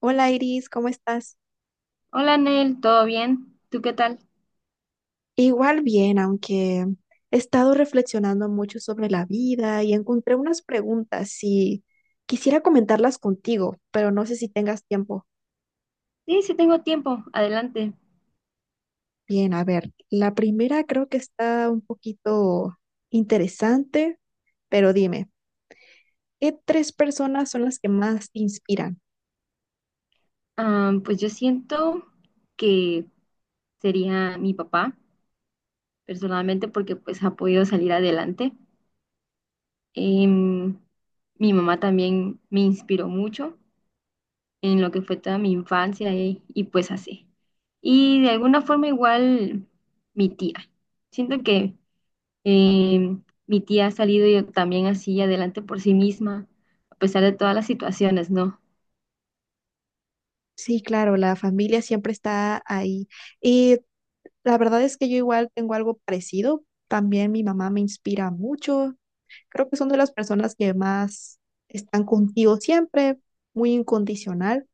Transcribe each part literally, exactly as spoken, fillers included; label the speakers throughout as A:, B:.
A: Hola Iris, ¿cómo estás?
B: Hola Nel, ¿todo bien? ¿Tú qué tal?
A: Igual bien, aunque he estado reflexionando mucho sobre la vida y encontré unas preguntas y quisiera comentarlas contigo, pero no sé si tengas tiempo.
B: Sí, sí tengo tiempo, adelante.
A: Bien, a ver, la primera creo que está un poquito interesante, pero dime, ¿qué tres personas son las que más te inspiran?
B: Ah, pues yo siento que sería mi papá, personalmente, porque pues ha podido salir adelante. Em, Mi mamá también me inspiró mucho en lo que fue toda mi infancia y, y pues así. Y de alguna forma igual mi tía. Siento que em, mi tía ha salido yo también así adelante por sí misma, a pesar de todas las situaciones, ¿no?
A: Sí, claro, la familia siempre está ahí. Y la verdad es que yo igual tengo algo parecido. También mi mamá me inspira mucho. Creo que son de las personas que más están contigo siempre, muy incondicional.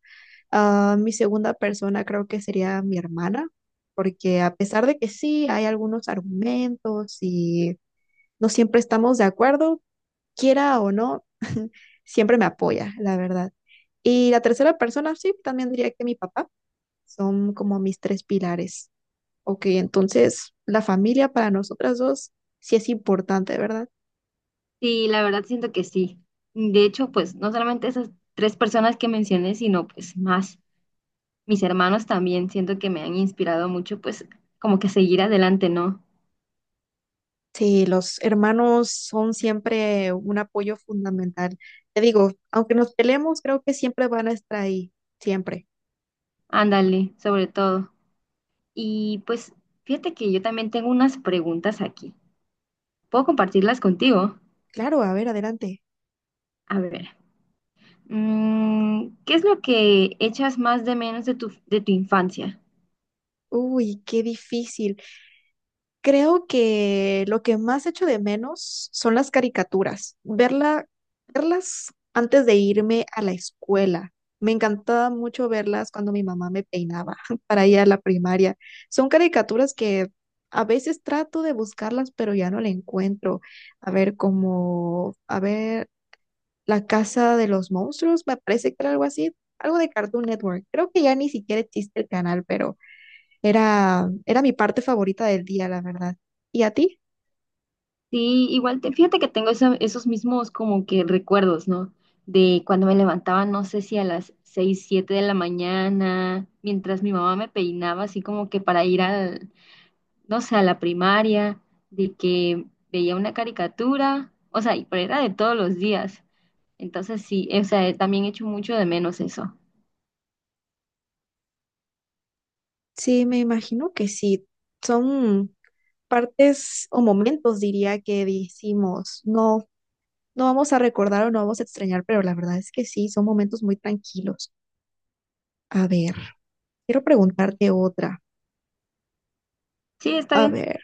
A: Ah, mi segunda persona creo que sería mi hermana, porque a pesar de que sí, hay algunos argumentos y no siempre estamos de acuerdo, quiera o no, siempre me apoya, la verdad. Y la tercera persona, sí, también diría que mi papá. Son como mis tres pilares. Ok, entonces la familia para nosotras dos sí es importante, ¿verdad?
B: Sí, la verdad siento que sí. De hecho, pues no solamente esas tres personas que mencioné, sino pues más. Mis hermanos también siento que me han inspirado mucho, pues como que a seguir adelante, ¿no?
A: Sí, los hermanos son siempre un apoyo fundamental. Te digo, aunque nos peleemos, creo que siempre van a estar ahí, siempre.
B: Ándale, sobre todo. Y pues fíjate que yo también tengo unas preguntas aquí. ¿Puedo compartirlas contigo?
A: Claro, a ver, adelante.
B: A ver, mm, ¿qué es lo que echas más de menos de tu, de tu infancia?
A: Uy, qué difícil. Creo que lo que más echo de menos son las caricaturas, verla, verlas antes de irme a la escuela. Me encantaba mucho verlas cuando mi mamá me peinaba para ir a la primaria. Son caricaturas que a veces trato de buscarlas, pero ya no la encuentro. A ver, como, a ver, La Casa de los Monstruos, me parece que era algo así, algo de Cartoon Network. Creo que ya ni siquiera existe el canal, pero... Era, era mi parte favorita del día, la verdad. ¿Y a ti?
B: Sí, igual te, fíjate que tengo esa- esos mismos como que recuerdos, ¿no? De cuando me levantaba, no sé si a las seis siete de la mañana, mientras mi mamá me peinaba, así como que para ir al, no sé, a la primaria, de que veía una caricatura, o sea, y pero era de todos los días. Entonces sí, o sea, también echo mucho de menos eso.
A: Sí, me imagino que sí. Son partes o momentos, diría, que decimos, no, no vamos a recordar o no vamos a extrañar, pero la verdad es que sí, son momentos muy tranquilos. A ver, quiero preguntarte otra.
B: Sí, está
A: A
B: bien.
A: ver,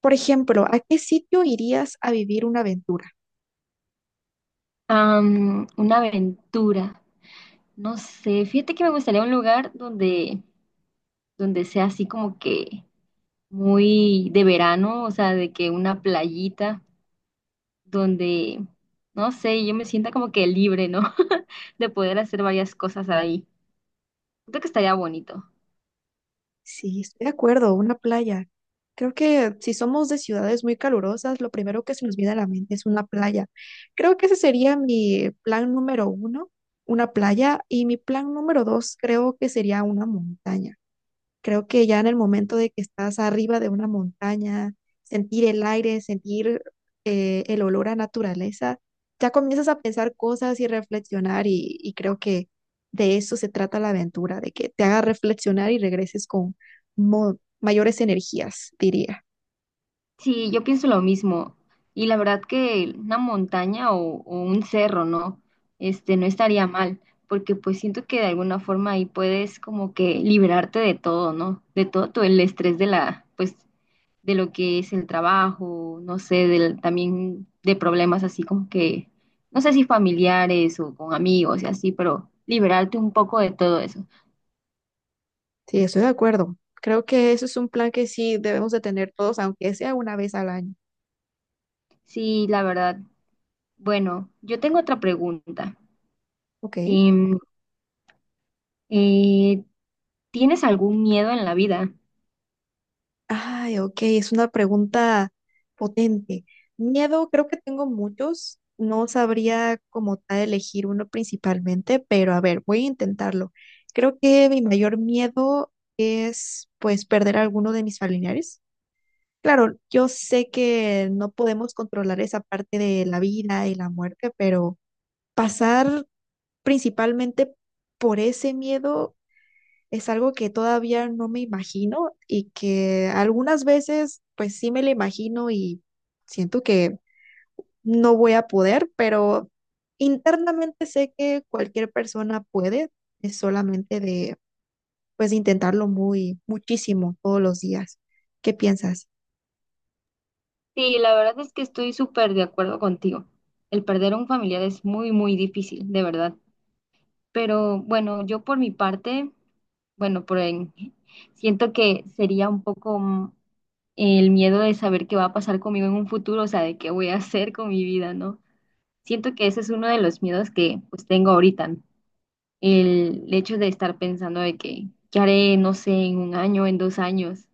A: por ejemplo, ¿a qué sitio irías a vivir una aventura?
B: Am, una aventura, no sé, fíjate que me gustaría un lugar donde, donde sea así como que muy de verano, o sea, de que una playita donde, no sé, yo me sienta como que libre, ¿no? De poder hacer varias cosas ahí. Creo que estaría bonito.
A: Sí, estoy de acuerdo, una playa. Creo que si somos de ciudades muy calurosas, lo primero que se nos viene a la mente es una playa. Creo que ese sería mi plan número uno, una playa, y mi plan número dos creo que sería una montaña. Creo que ya en el momento de que estás arriba de una montaña, sentir el aire, sentir eh, el olor a naturaleza, ya comienzas a pensar cosas y reflexionar y, y creo que de eso se trata la aventura, de que te haga reflexionar y regreses con mo- mayores energías, diría.
B: Sí, yo pienso lo mismo. Y la verdad que una montaña o, o un cerro, ¿no? Este, no estaría mal, porque pues siento que de alguna forma ahí puedes como que liberarte de todo, ¿no? De todo, todo el estrés de la, pues, de lo que es el trabajo, no sé, del, también de problemas así como que, no sé si familiares o con amigos y así, pero liberarte un poco de todo eso.
A: Sí, estoy de acuerdo. Creo que eso es un plan que sí debemos de tener todos, aunque sea una vez al año.
B: Sí, la verdad. Bueno, yo tengo otra pregunta.
A: Ok.
B: Em, eh, ¿Tienes algún miedo en la vida?
A: Ay, ok, es una pregunta potente. Miedo, creo que tengo muchos. No sabría como tal elegir uno principalmente, pero a ver, voy a intentarlo. Creo que mi mayor miedo es pues perder a alguno de mis familiares. Claro, yo sé que no podemos controlar esa parte de la vida y la muerte, pero pasar principalmente por ese miedo es algo que todavía no me imagino y que algunas veces pues sí me lo imagino y siento que no voy a poder, pero internamente sé que cualquier persona puede, es solamente de pues intentarlo muy muchísimo todos los días. ¿Qué piensas?
B: Sí, la verdad es que estoy súper de acuerdo contigo. El perder a un familiar es muy, muy difícil, de verdad. Pero bueno, yo por mi parte, bueno, por en- siento que sería un poco el miedo de saber qué va a pasar conmigo en un futuro, o sea, de qué voy a hacer con mi vida, ¿no? Siento que ese es uno de los miedos que pues tengo ahorita, ¿no? El hecho de estar pensando de que, ¿qué haré, no sé, en un año, en dos años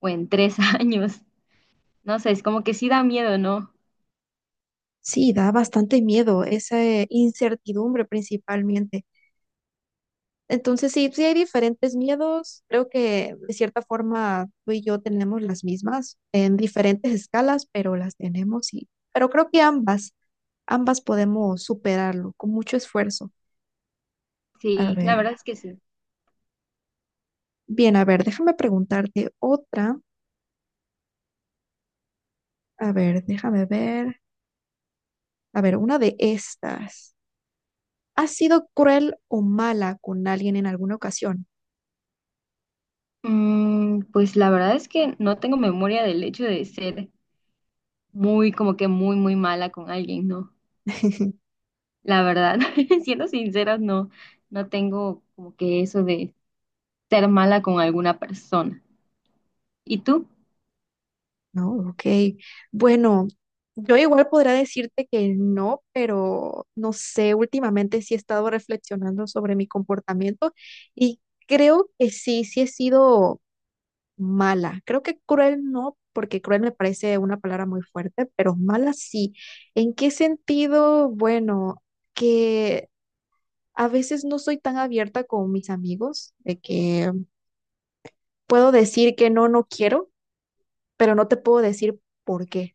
B: o en tres años? No sé, es como que sí da miedo, ¿no?
A: Sí, da bastante miedo, esa eh, incertidumbre principalmente. Entonces, sí, sí hay diferentes miedos. Creo que de cierta forma tú y yo tenemos las mismas en diferentes escalas, pero las tenemos y, pero creo que ambas, ambas podemos superarlo con mucho esfuerzo. A
B: Sí, la
A: ver,
B: verdad es que sí.
A: bien, a ver, déjame preguntarte otra. A ver, déjame ver. A ver, una de estas. ¿Has sido cruel o mala con alguien en alguna ocasión?
B: Mm, pues la verdad es que no tengo memoria del hecho de ser muy, como que muy, muy mala con alguien, ¿no? La verdad, siendo sinceras, no, no tengo como que eso de ser mala con alguna persona. ¿Y tú?
A: No, ok. Bueno, yo igual podría decirte que no, pero no sé, últimamente sí he estado reflexionando sobre mi comportamiento y creo que sí, sí he sido mala. Creo que cruel no, porque cruel me parece una palabra muy fuerte, pero mala sí. ¿En qué sentido? Bueno, que a veces no soy tan abierta con mis amigos, de que puedo decir que no, no quiero, pero no te puedo decir por qué.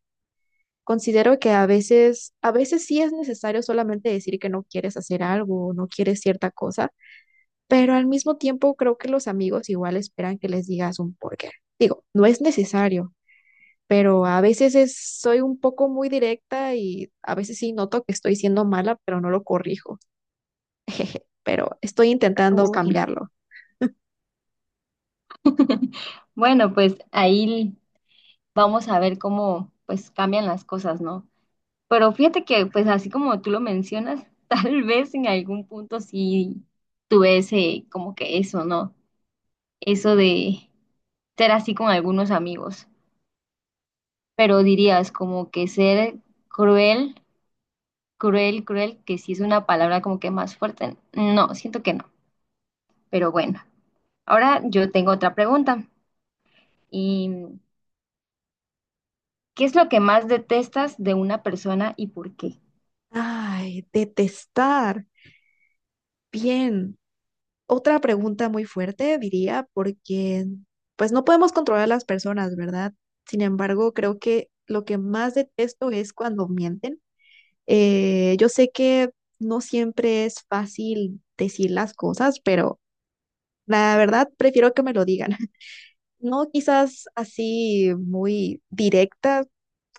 A: Considero que a veces, a veces sí es necesario solamente decir que no quieres hacer algo o no quieres cierta cosa, pero al mismo tiempo creo que los amigos igual esperan que les digas un porqué. Digo, no es necesario, pero a veces es- soy un poco muy directa y a veces sí noto que estoy siendo mala, pero no lo corrijo. Pero estoy intentando
B: Uy,
A: cambiarlo.
B: bueno, pues ahí vamos a ver cómo pues cambian las cosas, ¿no? Pero fíjate que pues así como tú lo mencionas, tal vez en algún punto sí tuve ese como que eso, ¿no? Eso de ser así con algunos amigos, pero dirías como que ser cruel, cruel, cruel, que sí es una palabra como que más fuerte. No, siento que no, pero bueno. Ahora yo tengo otra pregunta y ¿qué es lo que más detestas de una persona y por qué?
A: Ay, detestar. Bien. Otra pregunta muy fuerte, diría, porque pues no podemos controlar a las personas, ¿verdad? Sin embargo, creo que lo que más detesto es cuando mienten. Eh, yo sé que no siempre es fácil decir las cosas, pero la verdad prefiero que me lo digan. No quizás así muy directa,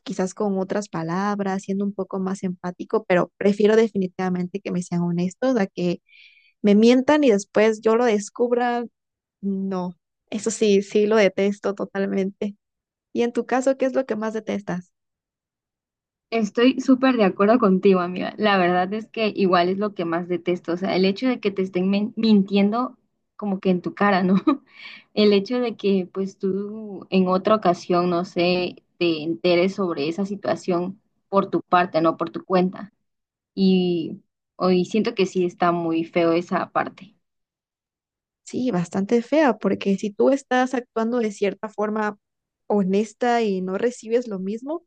A: quizás con otras palabras, siendo un poco más empático, pero prefiero definitivamente que me sean honestos a que me mientan y después yo lo descubra no, eso sí, sí lo detesto totalmente. Y en tu caso, ¿qué es lo que más detestas?
B: Estoy súper de acuerdo contigo, amiga. La verdad es que igual es lo que más detesto. O sea, el hecho de que te estén men- mintiendo como que en tu cara, ¿no? El hecho de que pues tú en otra ocasión, no sé, te enteres sobre esa situación por tu parte, no por tu cuenta. Y hoy siento que sí está muy feo esa parte.
A: Sí, bastante fea, porque si tú estás actuando de cierta forma honesta y no recibes lo mismo,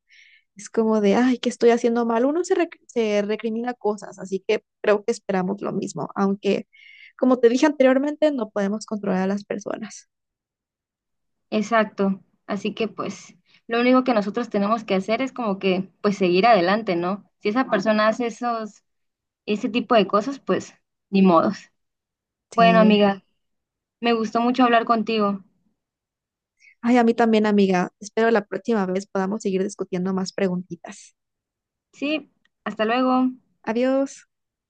A: es como de, ay, ¿qué estoy haciendo mal? Uno se, rec- se recrimina cosas, así que creo que esperamos lo mismo, aunque, como te dije anteriormente, no podemos controlar a las personas.
B: Exacto. Así que pues lo único que nosotros tenemos que hacer es como que pues seguir adelante, ¿no? Si esa persona hace esos, ese tipo de cosas, pues ni modos. Bueno,
A: Sí.
B: amiga, me gustó mucho hablar contigo.
A: Ay, a mí también, amiga. Espero la próxima vez podamos seguir discutiendo más preguntitas.
B: Sí, hasta luego.
A: Adiós.